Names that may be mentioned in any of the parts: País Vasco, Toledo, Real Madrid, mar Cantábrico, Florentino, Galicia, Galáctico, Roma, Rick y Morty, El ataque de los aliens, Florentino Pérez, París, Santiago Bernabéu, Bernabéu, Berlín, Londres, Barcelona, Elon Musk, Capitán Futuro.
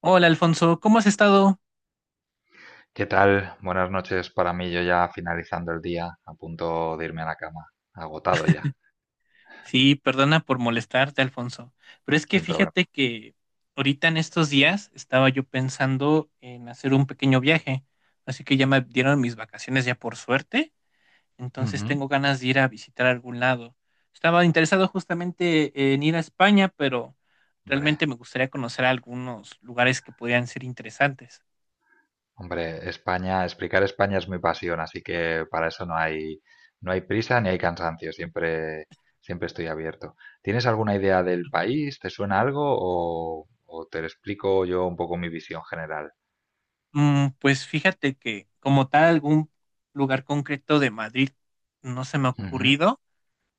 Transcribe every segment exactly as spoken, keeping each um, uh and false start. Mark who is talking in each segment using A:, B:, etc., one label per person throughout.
A: Hola Alfonso, ¿cómo has estado?
B: ¿Qué tal? Buenas noches para mí, yo ya finalizando el día, a punto de irme a la cama, agotado ya,
A: Sí, perdona por molestarte, Alfonso, pero es que
B: sin problema.
A: fíjate que ahorita en estos días estaba yo pensando en hacer un pequeño viaje, así que ya me dieron mis vacaciones ya por suerte, entonces
B: Ujú.
A: tengo ganas de ir a visitar algún lado. Estaba interesado justamente en ir a España, pero
B: Hombre,
A: realmente me gustaría conocer algunos lugares que podrían ser interesantes.
B: hombre, España, explicar España es mi pasión, así que para eso no hay, no hay prisa ni hay cansancio, siempre, siempre estoy abierto. ¿Tienes alguna idea del país? ¿Te suena algo? O, o te explico yo un poco mi visión general.
A: Mm, pues fíjate que como tal algún lugar concreto de Madrid no se me ha
B: Ujú.
A: ocurrido.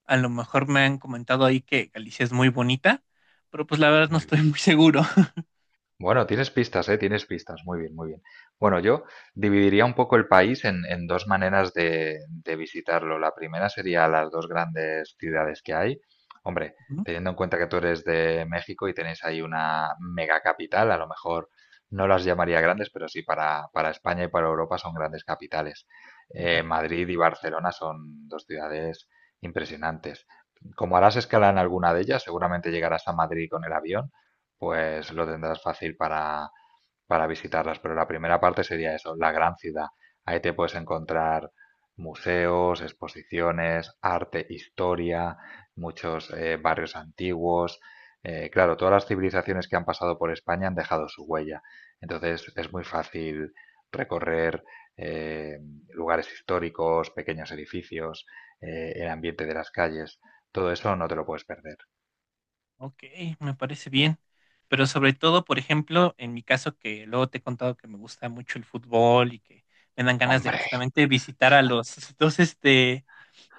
A: A lo mejor me han comentado ahí que Galicia es muy bonita, pero pues la verdad no
B: Muy
A: estoy
B: bien.
A: muy seguro.
B: Bueno, tienes pistas, ¿eh? Tienes pistas. Muy bien, muy bien. Bueno, yo dividiría un poco el país en, en dos maneras de, de visitarlo. La primera sería las dos grandes ciudades que hay. Hombre,
A: Ujú.
B: teniendo en cuenta que tú eres de México y tenéis ahí una mega capital, a lo mejor no las llamaría grandes, pero sí para, para España y para Europa son grandes capitales. Eh,
A: Ajá.
B: Madrid y Barcelona son dos ciudades impresionantes. Como harás escala en alguna de ellas, seguramente llegarás a Madrid con el avión, pues lo tendrás fácil para, para visitarlas. Pero la primera parte sería eso, la gran ciudad. Ahí te puedes encontrar museos, exposiciones, arte, historia, muchos eh, barrios antiguos. Eh, claro, todas las civilizaciones que han pasado por España han dejado su huella. Entonces es muy fácil recorrer eh, lugares históricos, pequeños edificios, eh, el ambiente de las calles. Todo eso no te lo puedes perder.
A: Ok, me parece bien. Pero sobre todo, por ejemplo, en mi caso, que luego te he contado que me gusta mucho el fútbol y que me dan ganas de
B: Hombre,
A: justamente visitar a los dos, este,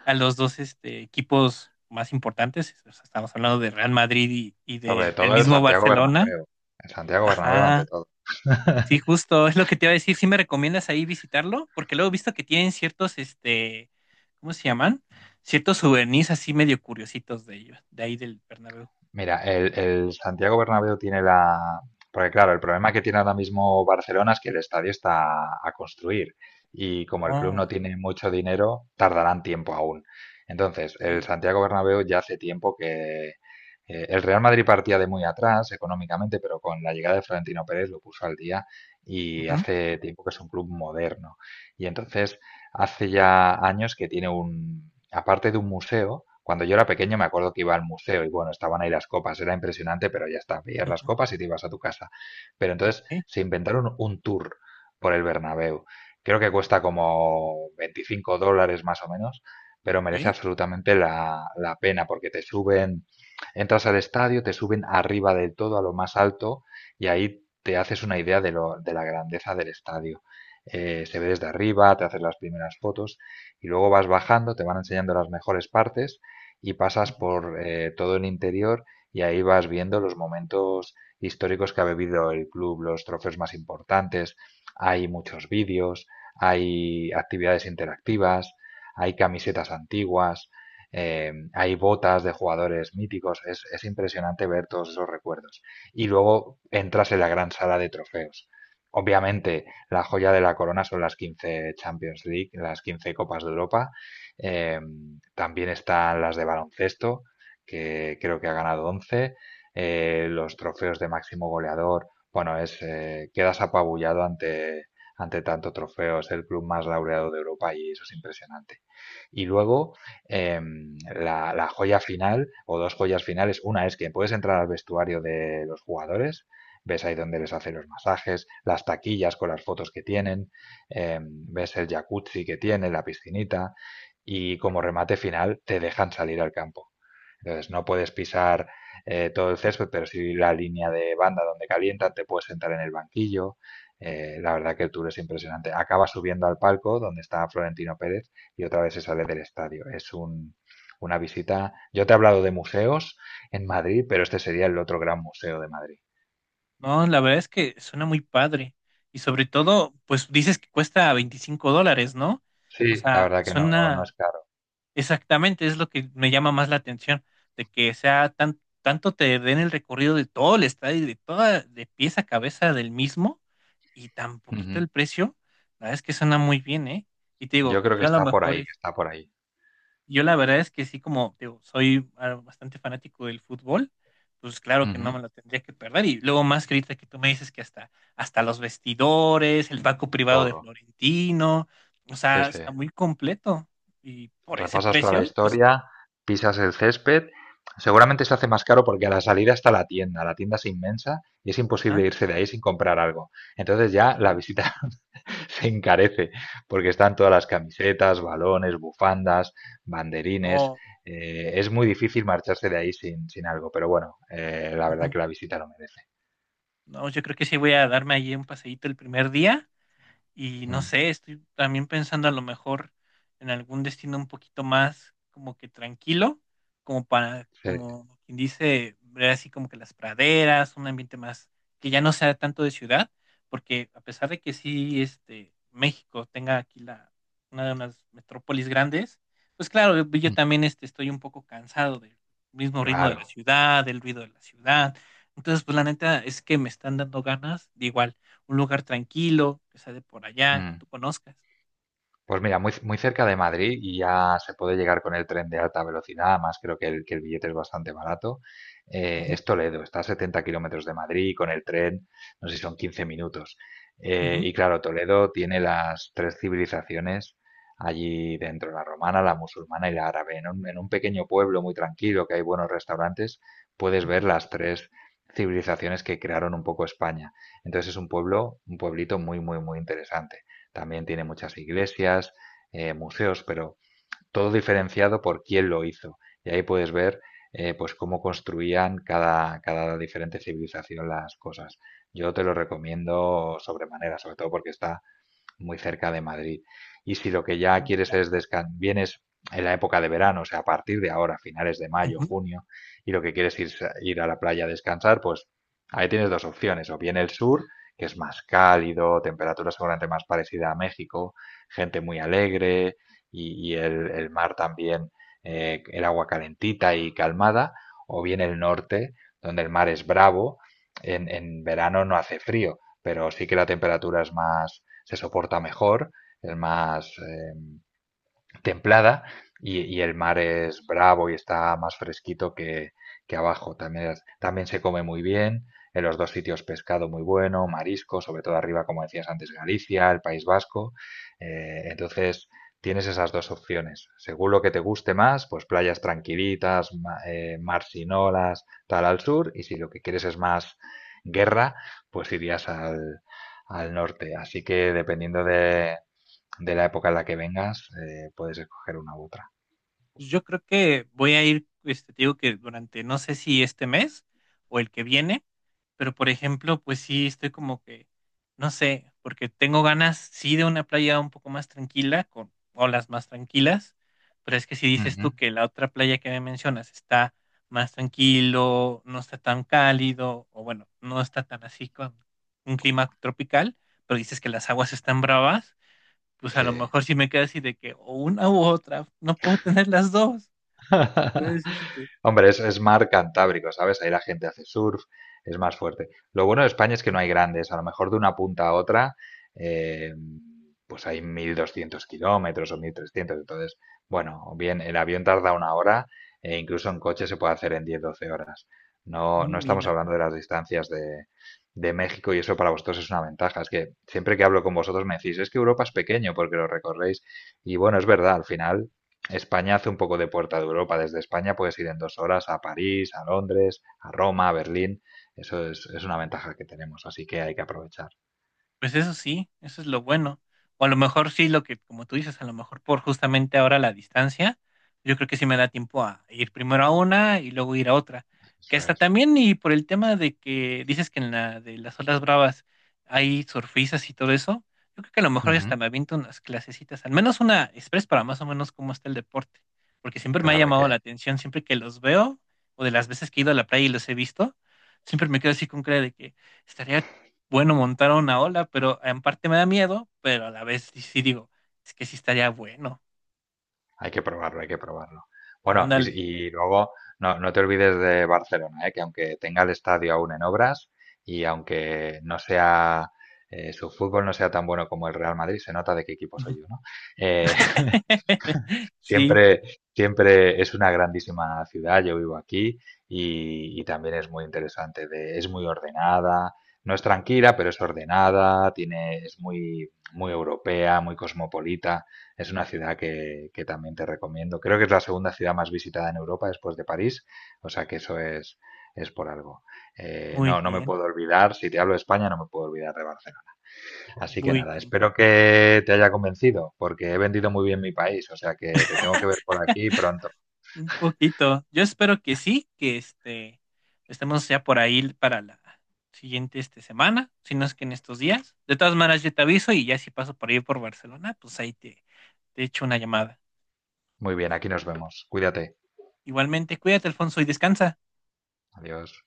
A: a los dos, este, equipos más importantes. O sea, estamos hablando de Real Madrid y, y
B: sobre
A: de el
B: todo el
A: mismo
B: Santiago
A: Barcelona.
B: Bernabéu. El Santiago Bernabéu ante
A: Ajá.
B: todo.
A: Sí, justo, es lo que te iba a decir. ¿Sí me recomiendas ahí visitarlo? Porque luego he visto que tienen ciertos, este, ¿cómo se llaman? Ciertos souvenirs así medio curiositos de ellos, de ahí del Bernabéu.
B: Mira, el, el Santiago Bernabéu tiene la... Porque claro, el problema que tiene ahora mismo Barcelona es que el estadio está a construir, y como el club
A: Oh,
B: no tiene mucho dinero, tardarán tiempo aún. Entonces, el
A: ok.
B: Santiago Bernabéu ya hace tiempo que... eh, el Real Madrid partía de muy atrás económicamente, pero con la llegada de Florentino Pérez lo puso al día y
A: Ujú,
B: hace tiempo que es un club moderno. Y entonces, hace ya años que tiene un aparte de un museo. Cuando yo era pequeño, me acuerdo que iba al museo y bueno, estaban ahí las copas, era impresionante, pero ya está, pillar las
A: ujú,
B: copas y te ibas a tu casa. Pero entonces
A: ok,
B: se inventaron un tour por el Bernabéu. Creo que cuesta como veinticinco dólares más o menos, pero merece
A: ok.
B: absolutamente la, la pena, porque te suben, entras al estadio, te suben arriba del todo a lo más alto y ahí te haces una idea de, lo, de la grandeza del estadio. Eh, se ve desde arriba, te haces las primeras fotos y luego vas bajando, te van enseñando las mejores partes y pasas
A: Ujú.
B: por eh, todo el interior, y ahí vas viendo los momentos históricos que ha vivido el club, los trofeos más importantes, hay muchos vídeos, hay actividades interactivas, hay camisetas antiguas, eh, hay botas de jugadores míticos, es, es impresionante ver todos esos recuerdos. Y luego entras en la gran sala de trofeos. Obviamente, la joya de la corona son las quince Champions League, las quince Copas de Europa. Eh, También están las de baloncesto, que creo que ha ganado once. Eh, los trofeos de máximo goleador, bueno, es, eh, quedas apabullado ante, ante tanto trofeo. Es el club más laureado de Europa y eso es impresionante. Y luego, eh, la, la, joya final, o dos joyas finales, una es que puedes entrar al vestuario de los jugadores, ves ahí donde les hace los masajes, las taquillas con las fotos que tienen, eh, ves el jacuzzi que tiene, la piscinita, y como remate final te dejan salir al campo. Entonces no puedes pisar eh, todo el césped, pero sí la línea de banda donde calientan, te puedes sentar en el banquillo. Eh, la verdad que el tour es impresionante. Acaba subiendo al palco donde está Florentino Pérez y otra vez se sale del estadio. Es un, una visita. Yo te he hablado de museos en Madrid, pero este sería el otro gran museo de Madrid.
A: No, la verdad es que suena muy padre. Y sobre todo, pues dices que cuesta veinticinco dólares, ¿no? O
B: Sí, la
A: sea,
B: verdad que no, no
A: suena,
B: es caro.
A: exactamente, es lo que me llama más la atención, de que sea tan, tanto te den el recorrido de todo el estadio, de toda, de pies a cabeza del mismo, y tan poquito
B: Ujú.
A: el precio, la verdad es que suena muy bien, ¿eh? Y te digo,
B: Yo creo que
A: yo a lo
B: está por
A: mejor,
B: ahí,
A: es-
B: que está por ahí.
A: yo la verdad es que sí, como te digo, soy ah, bastante fanático del fútbol, pues claro que no
B: Ujú.
A: me lo tendría que perder. Y luego más que ahorita que tú me dices que hasta, hasta los vestidores, el banco privado de
B: Todo.
A: Florentino, o
B: Sí,
A: sea,
B: sí.
A: está muy completo. Y por ese
B: Repasas toda la
A: precio, pues
B: historia, pisas el césped. Seguramente se hace más caro porque a la salida está la tienda. La tienda es inmensa y es
A: ajá,
B: imposible irse de ahí sin comprar algo. Entonces ya la
A: sí,
B: visita se encarece porque están todas las camisetas, balones, bufandas, banderines.
A: no,
B: Eh, es muy difícil marcharse de ahí sin, sin algo, pero bueno, eh, la verdad
A: ujú,
B: que la visita lo merece.
A: no, yo creo que sí voy a darme allí un paseíto el primer día. Y no
B: Mm,
A: sé, estoy también pensando a lo mejor en algún destino un poquito más como que tranquilo, como para,
B: sí.
A: como quien dice, ver así como que las praderas, un ambiente más que ya no sea tanto de ciudad, porque a pesar de que sí, este, México tenga aquí la, una de unas metrópolis grandes, pues claro, yo yo
B: Mm,
A: también este, estoy un poco cansado del mismo ritmo de la
B: claro.
A: ciudad, del ruido de la ciudad. Entonces, pues la neta es que me están dando ganas de igual un lugar tranquilo, que sea de por allá, que
B: Mm.
A: tú conozcas.
B: Pues mira, muy, muy cerca de Madrid, y ya se puede llegar con el tren de alta velocidad. Además, creo que el, que el billete es bastante barato. Eh,
A: Ujú,
B: es Toledo, está a setenta kilómetros de Madrid y con el tren, no sé si son quince minutos. Eh,
A: ujú,
B: y claro, Toledo tiene las tres civilizaciones allí dentro, la romana, la musulmana y la árabe. En un, en un pequeño pueblo muy tranquilo, que hay buenos restaurantes, puedes
A: ujú.
B: ver las tres civilizaciones que crearon un poco España. Entonces es un pueblo, un pueblito muy, muy, muy interesante. También tiene muchas iglesias, eh, museos, pero todo diferenciado por quién lo hizo. Y ahí puedes ver, eh, pues cómo construían cada, cada diferente civilización las cosas. Yo te lo recomiendo sobremanera, sobre todo porque está muy cerca de Madrid. Y si lo que ya
A: Ah,
B: quieres
A: mira.
B: es descansar, vienes en la época de verano, o sea, a partir de ahora, finales de mayo, junio, y lo que quieres es ir a la playa a descansar, pues ahí tienes dos opciones: o bien el sur, que es más cálido, temperatura seguramente más parecida a México, gente muy alegre y, y el, el, mar también, eh, el agua calentita y calmada; o bien el norte, donde el mar es bravo, en, en verano no hace frío, pero sí que la temperatura es más, se soporta mejor, es más, eh, templada, y, y el mar es bravo y está más fresquito que, que abajo. También, es- también se come muy bien. En los dos sitios, pescado muy bueno, marisco, sobre todo arriba, como decías antes, Galicia, el País Vasco. Eh, entonces, tienes esas dos opciones. Según lo que te guste más, pues playas tranquilitas, ma- eh, mar sin olas, tal, al sur. Y si lo que quieres es más guerra, pues irías al, al norte. Así que, dependiendo de, de la época en la que vengas, eh, puedes escoger una u otra.
A: Pues, yo creo que voy a ir, este, te digo que durante, no sé si este mes o el que viene, pero por ejemplo, pues sí, estoy como que, no sé, porque tengo ganas, sí, de una playa un poco más tranquila, con olas más tranquilas, pero es que si
B: Uh
A: dices tú
B: -huh.
A: que la otra playa que me mencionas está más tranquilo, no está tan cálido, o bueno, no está tan así con un clima tropical, pero dices que las aguas están bravas, pues a
B: Sí.
A: lo mejor si me queda así de que o una u otra, no puedo tener las dos. Entonces, este,
B: Hombre, es, es mar Cantábrico, ¿sabes? Ahí la gente hace surf, es más fuerte. Lo bueno de España es que no hay grandes, a lo mejor de una punta a otra, eh, pues hay mil doscientos kilómetros o mil trescientos. Entonces, bueno, bien, el avión tarda una hora e incluso en coche se puede hacer en diez, doce horas. No no estamos
A: mira.
B: hablando de las distancias de, de México, y eso para vosotros es una ventaja. Es que siempre que hablo con vosotros me decís, es que Europa es pequeño porque lo recorréis. Y bueno, es verdad, al final España hace un poco de puerta de Europa. Desde España puedes ir en dos horas a París, a Londres, a Roma, a Berlín. Eso es, es una ventaja que tenemos, así que hay que aprovechar.
A: Pues eso sí, eso es lo bueno. O a lo mejor sí, lo que, como tú dices, a lo mejor por justamente ahora la distancia, yo creo que sí me da tiempo a ir primero a una y luego ir a otra. Que
B: Eso
A: hasta
B: es.
A: también, y por el tema de que dices que en la de las olas bravas hay surfistas y todo eso, yo creo que a lo mejor hasta
B: Ujú.
A: me aviento unas clasecitas, al menos una express para más o menos cómo está el deporte. Porque siempre me ha
B: Claro, hay
A: llamado
B: que,
A: la atención, siempre que los veo, o de las veces que he ido a la playa y los he visto, siempre me quedo así con cara de que. Estaría bueno montar una ola, pero en parte me da miedo, pero a la vez sí, sí digo, es que sí estaría bueno.
B: hay que probarlo, hay que probarlo. Bueno, y, si-
A: Ándale.
B: y luego, no, no te olvides de Barcelona, ¿eh? Que aunque tenga el estadio aún en obras, y aunque no sea, eh, su fútbol no sea tan bueno como el Real Madrid, se nota de qué equipo soy yo, ¿no? Eh,
A: Sí,
B: Siempre, siempre es una grandísima ciudad, yo vivo aquí, y, y también es muy interesante, de- es muy ordenada, no es tranquila, pero es ordenada, tiene, es muy, muy europea, muy cosmopolita, es una ciudad que, que también te recomiendo. Creo que es la segunda ciudad más visitada en Europa después de París, o sea que eso es, es por algo. Eh,
A: muy
B: no, no me
A: bien,
B: puedo olvidar, si te hablo de España, no me puedo olvidar de Barcelona. Así que
A: muy
B: nada,
A: bien.
B: espero que te haya convencido, porque he vendido muy bien mi país, o sea que te tengo que ver por aquí pronto.
A: Un poquito. Yo espero que sí, que este estemos ya por ahí para la siguiente este, semana, si no es que en estos días. De todas maneras, yo te aviso y ya si paso por ahí por Barcelona, pues ahí te, te echo una llamada.
B: Muy bien, aquí nos vemos. Cuídate.
A: Igualmente, cuídate, Alfonso, y descansa.
B: Adiós.